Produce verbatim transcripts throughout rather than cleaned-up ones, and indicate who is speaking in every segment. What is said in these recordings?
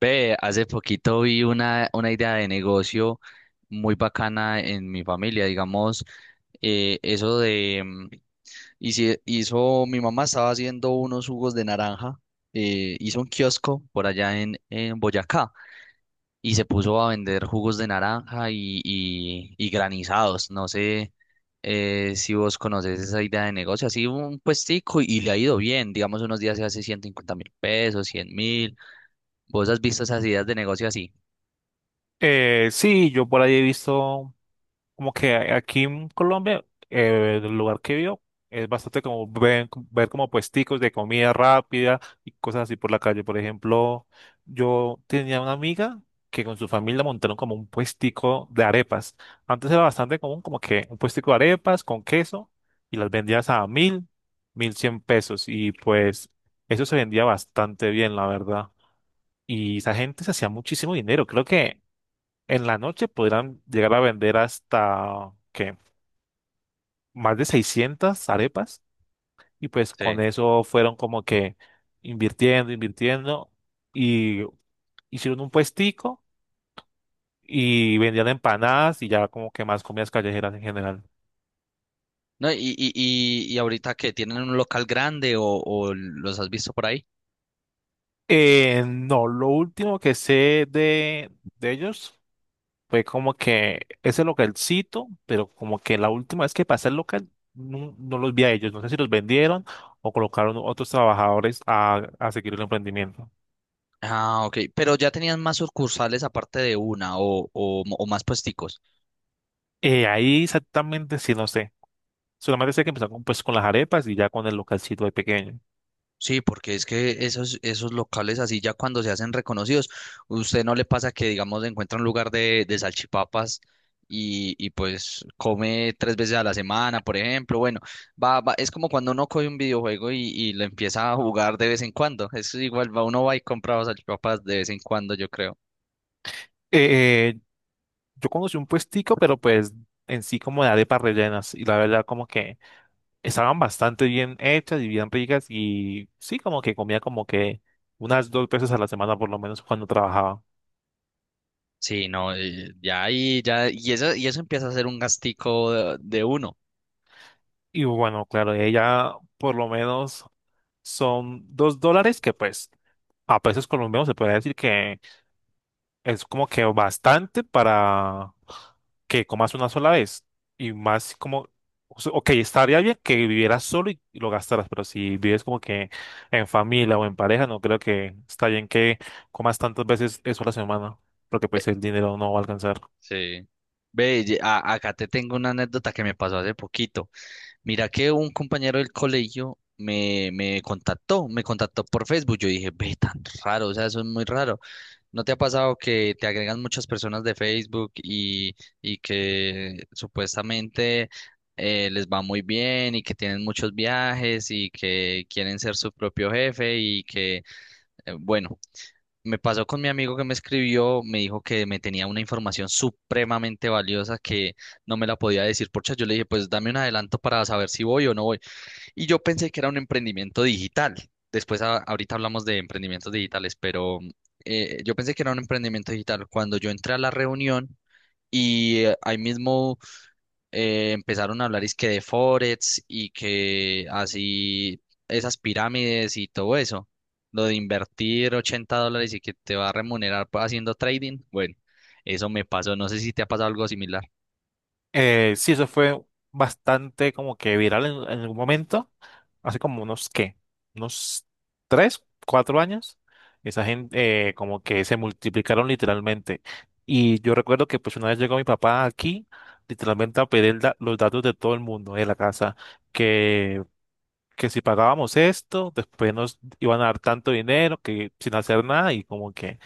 Speaker 1: Ve, hace poquito vi una, una idea de negocio muy bacana en mi familia, digamos, eh, eso de, mm, y si hizo, mi mamá estaba haciendo unos jugos de naranja, eh, hizo un kiosco por allá en, en Boyacá y se puso a vender jugos de naranja y, y, y granizados, no sé. Eh, si vos conoces esa idea de negocio, así un puestico y le ha ido bien, digamos, unos días se hace ciento cincuenta mil pesos, cien mil. ¿Vos has visto esas ideas de negocio así?
Speaker 2: Eh, sí, yo por ahí he visto como que a- aquí en Colombia, eh, el lugar que vio es bastante como ven- ver, como puesticos de comida rápida y cosas así por la calle. Por ejemplo, yo tenía una amiga que con su familia montaron como un puestico de arepas. Antes era bastante común como que un puestico de arepas con queso y las vendías a mil, mil cien pesos y pues eso se vendía bastante bien, la verdad. Y esa gente se hacía muchísimo dinero. Creo que en la noche podrán llegar a vender hasta, ¿qué? Más de seiscientas arepas. Y pues con
Speaker 1: Sí.
Speaker 2: eso fueron como que invirtiendo, invirtiendo. Y hicieron un puestico y vendían empanadas y ya como que más comidas callejeras en general.
Speaker 1: No, y, y, y, y ahorita que tienen un local grande, o, ¿o los has visto por ahí?
Speaker 2: Eh, no, lo último que sé de, de ellos fue como que ese localcito, pero como que la última vez que pasé el local no, no los vi a ellos. No sé si los vendieron o colocaron otros trabajadores a, a seguir el emprendimiento.
Speaker 1: Ah, ok. Pero ya tenían más sucursales aparte de una, o, o, o más puesticos.
Speaker 2: Eh, ahí exactamente sí, no sé. Solamente sé que empezaron con, pues, con las arepas y ya con el localcito de pequeño.
Speaker 1: Sí, porque es que esos, esos locales así ya cuando se hacen reconocidos, usted no le pasa que, digamos, encuentra un lugar de, de salchipapas y, y pues come tres veces a la semana, por ejemplo. Bueno, va, va, es como cuando uno coge un videojuego y, y lo empieza a jugar de vez en cuando. Es igual, va, uno va y compra salchipapas de vez en cuando, yo creo.
Speaker 2: Eh, yo conocí un puestico, pero pues en sí como de arepas rellenas. Y la verdad como que estaban bastante bien hechas y bien ricas. Y sí, como que comía como que unas dos veces a la semana por lo menos cuando trabajaba.
Speaker 1: Sí, no, eh, ya ahí, ya, y eso, y eso empieza a ser un gastico de, de uno.
Speaker 2: Y bueno, claro, ella por lo menos son dos dólares que pues a pesos colombianos se puede decir que es como que bastante para que comas una sola vez. Y más como, o sea, ok, estaría bien que vivieras solo y y lo gastaras, pero si vives como que en familia o en pareja, no creo que está bien que comas tantas veces eso a la semana, porque
Speaker 1: Ve,
Speaker 2: pues el dinero no va a alcanzar.
Speaker 1: sí, ve, ye- a- acá te tengo una anécdota que me pasó hace poquito. Mira que un compañero del colegio me, me contactó, me contactó por Facebook. Yo dije, ve, tan raro, o sea, eso es muy raro. ¿No te ha pasado que te agregan muchas personas de Facebook y, y que supuestamente eh, les va muy bien y que tienen muchos viajes y que quieren ser su propio jefe y que... Eh, Bueno, me pasó con mi amigo que me escribió, me dijo que me tenía una información supremamente valiosa que no me la podía decir por chat. Yo le dije, pues dame un adelanto para saber si voy o no voy. Y yo pensé que era un emprendimiento digital. Después, a- ahorita hablamos de emprendimientos digitales, pero mm, eh, yo pensé que era un emprendimiento digital. Cuando yo entré a la reunión y eh, ahí mismo eh, empezaron a hablar es que de Forex y que así esas pirámides y todo eso, lo de invertir ochenta dólares y que te va a remunerar pa- haciendo trading, bueno, eso me pasó, no sé si te ha pasado algo similar.
Speaker 2: Eh, sí, eso fue bastante como que viral en en algún momento. Hace como unos, ¿qué? Unos tres, cuatro años. Esa gente eh, como que se multiplicaron literalmente. Y yo recuerdo que pues una vez llegó mi papá aquí, literalmente a pedir da- los datos de todo el mundo de la casa, que, que si pagábamos esto, después nos iban a dar tanto dinero, que sin hacer nada y como que...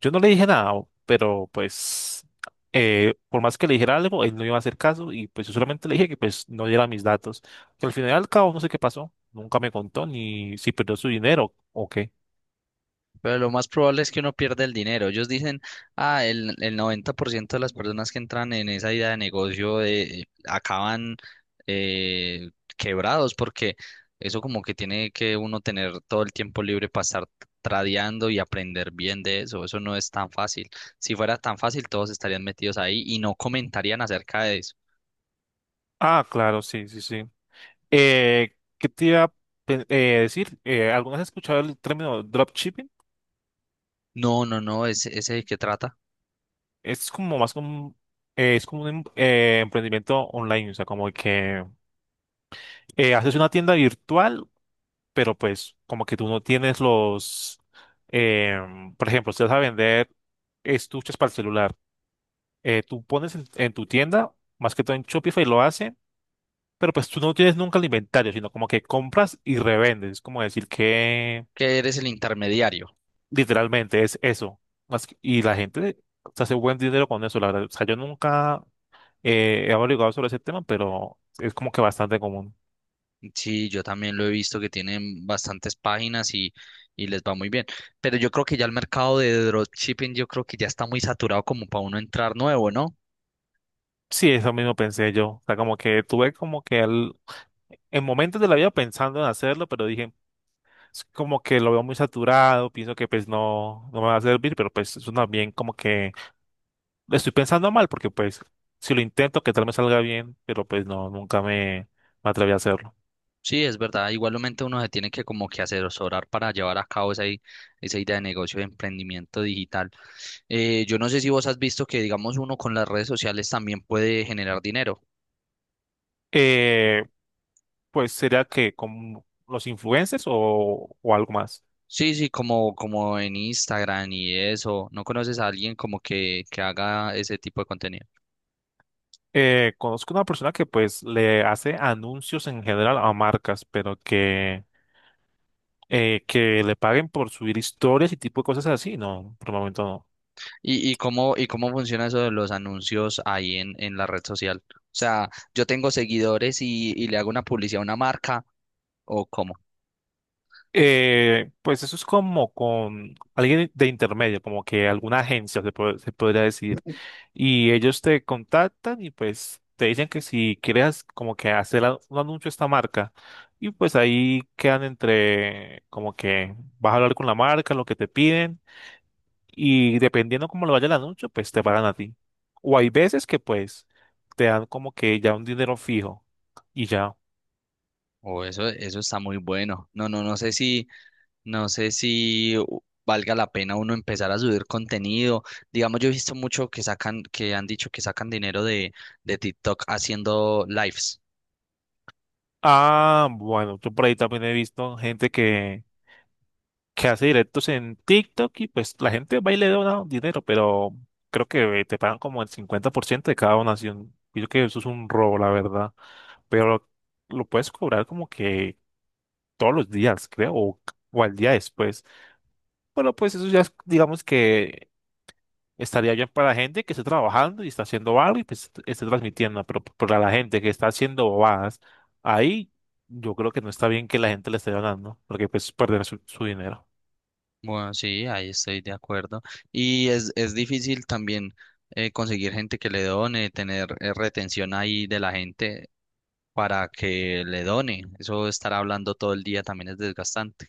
Speaker 2: Yo no le dije nada, pero pues eh, por más que le dijera algo, él no iba a hacer caso y pues yo solamente le dije que pues no diera mis datos. Que al final y al cabo no sé qué pasó, nunca me contó ni si perdió su dinero o qué.
Speaker 1: Pero lo más probable es que uno pierda el dinero. Ellos dicen, ah, el, el noventa por ciento de las personas que entran en esa idea de negocio eh, acaban eh, quebrados, porque eso como que tiene que uno tener todo el tiempo libre para estar tradeando y aprender bien de eso. Eso no es tan fácil. Si fuera tan fácil, todos estarían metidos ahí y no comentarían acerca de...
Speaker 2: Ah, claro, sí, sí, sí. Eh, ¿qué te iba a pe- eh, decir? Eh, ¿alguna vez has escuchado el término dropshipping?
Speaker 1: No, no, no, ese, ese es el que trata.
Speaker 2: Es como más como, eh, es como un em- eh, emprendimiento online, o sea, como que eh, haces una tienda virtual pero pues como que tú no tienes los, em, por ejemplo, si vas a vender estuches para el celular, eh, tú pones en, en tu tienda, más que todo en Shopify lo hacen, pero pues tú no tienes nunca el inventario, sino como que compras y revendes, es como decir que
Speaker 1: Que eres el intermediario.
Speaker 2: literalmente es eso. Más que- y la gente se hace buen dinero con eso, la verdad. O sea, yo nunca eh, he averiguado sobre ese tema, pero es como que bastante común.
Speaker 1: Sí, yo también lo he visto que tienen bastantes páginas y, y les va muy bien. Pero yo creo que ya el mercado de dropshipping, yo creo que ya está muy saturado como para uno entrar nuevo, ¿no?
Speaker 2: Sí, eso mismo pensé yo. O sea, como que tuve como que el en momentos de la vida pensando en hacerlo, pero dije, es como que lo veo muy saturado, pienso que pues no, no me va a servir, pero pues es una bien como que lo estoy pensando mal, porque pues si lo intento, que tal me salga bien, pero pues no, nunca me, me atreví a hacerlo.
Speaker 1: Sí, es verdad. Igualmente uno se tiene que como que asesorar para llevar a cabo esa, i- esa idea de negocio de emprendimiento digital. Eh, yo no sé si vos has visto que, digamos, uno con las redes sociales también puede generar dinero.
Speaker 2: Eh, pues sería que con los influencers o, o algo más.
Speaker 1: Sí, sí, como, como en Instagram y eso. ¿No conoces a alguien como que, que haga ese tipo de contenido?
Speaker 2: Eh, conozco una persona que pues le hace anuncios en general a marcas, pero que, eh, que le paguen por subir historias y tipo de cosas así, no, por el momento no.
Speaker 1: ¿Y, y cómo, y cómo funciona eso de los anuncios ahí en, en la red social? O sea, yo tengo seguidores y, y le hago una publicidad a una marca, ¿o cómo?
Speaker 2: Eh, pues eso es como con alguien de intermedio, como que alguna agencia se, po- se podría decir. Y ellos te contactan y pues te dicen que si quieres como que hacer a- un anuncio a esta marca. Y pues ahí quedan entre como que vas a hablar con la marca, lo que te piden. Y dependiendo cómo le vaya el anuncio, pues te pagan a ti. O hay veces que pues te dan como que ya un dinero fijo y ya.
Speaker 1: O eso, eso está muy bueno. No, no, no sé si no sé si u- valga la pena uno empezar a subir contenido. Digamos, yo he visto mucho que sacan, que han dicho que sacan dinero de, de TikTok haciendo lives.
Speaker 2: Ah, bueno, yo por ahí también he visto gente que que hace directos en TikTok y pues la gente va y le dona dinero, pero creo que eh, te pagan como el cincuenta por ciento de cada donación. Y yo que eso es un robo, la verdad. Pero lo lo puedes cobrar como que todos los días, creo, o, o al día después. Pero pues eso ya es, digamos que estaría bien para la gente que esté trabajando y está haciendo algo y pues esté transmitiendo, pero p- para la gente que está haciendo bobadas, ahí yo creo que no está bien que la gente le esté donando, porque pues perder su su dinero.
Speaker 1: Bueno, sí, ahí estoy de acuerdo. Y es, es difícil también eh, conseguir gente que le done, tener eh, retención ahí de la gente para que le done. Eso estar hablando todo el día también es desgastante.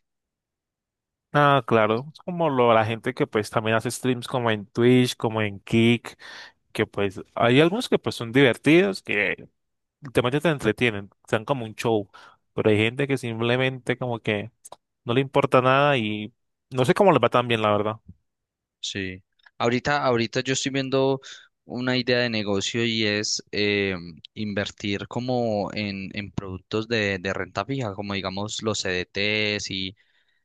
Speaker 2: Ah, claro, es como lo, la gente que pues también hace streams como en Twitch, como en Kick, que pues hay algunos que pues son divertidos, que literalmente te entretienen, sean como un show, pero hay gente que simplemente como que no le importa nada y no sé cómo les va tan bien, la verdad.
Speaker 1: Sí. Ahorita, ahorita yo estoy viendo una idea de negocio y es eh, invertir como en, en productos de, de renta fija, como digamos los C D Ts y,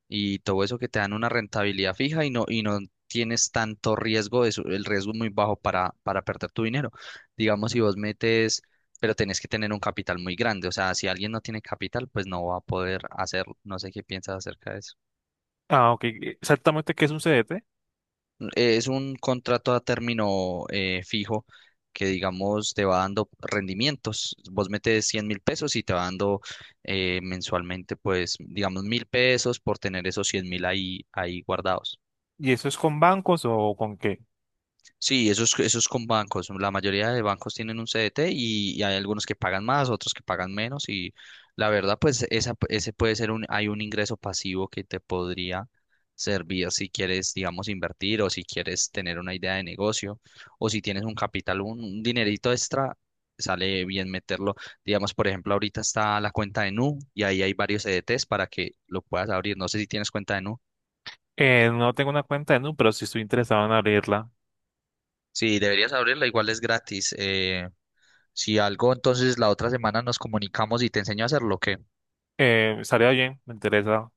Speaker 1: y todo eso que te dan una rentabilidad fija y no, y no tienes tanto riesgo, eso, el riesgo es muy bajo para, para perder tu dinero. Digamos, si vos metes, pero tenés que tener un capital muy grande. O sea, si alguien no tiene capital, pues no va a poder hacerlo. No sé qué piensas acerca de eso.
Speaker 2: Ah, ok, exactamente qué es un C D T
Speaker 1: eh, Es un contrato a término eh, fijo que, digamos, te va dando rendimientos. Vos metes cien mil pesos y te va dando eh, mensualmente, pues, digamos, mil pesos por tener esos cien mil ahí, ahí guardados.
Speaker 2: y eso es con bancos o con qué.
Speaker 1: Sí, eso es, eso es con bancos. La mayoría de bancos tienen un C D T y, y hay algunos que pagan más, otros que pagan menos. Y la verdad, pues esa, ese puede ser un, hay un ingreso pasivo que te podría servir si quieres, digamos, invertir o si quieres tener una idea de negocio o si tienes un capital, un, un dinerito extra, sale bien meterlo. Digamos, por ejemplo, ahorita está la cuenta de Nu y ahí hay varios C D Ts para que lo puedas abrir. No sé si tienes cuenta de Nu.
Speaker 2: Eh, no tengo una cuenta en Nu, pero sí estoy interesado en abrirla.
Speaker 1: Sí, deberías abrirla, igual es gratis. Eh, Si algo, entonces la otra semana nos comunicamos y te enseño a hacerlo, ¿ok?
Speaker 2: Eh, estaría bien, me interesa.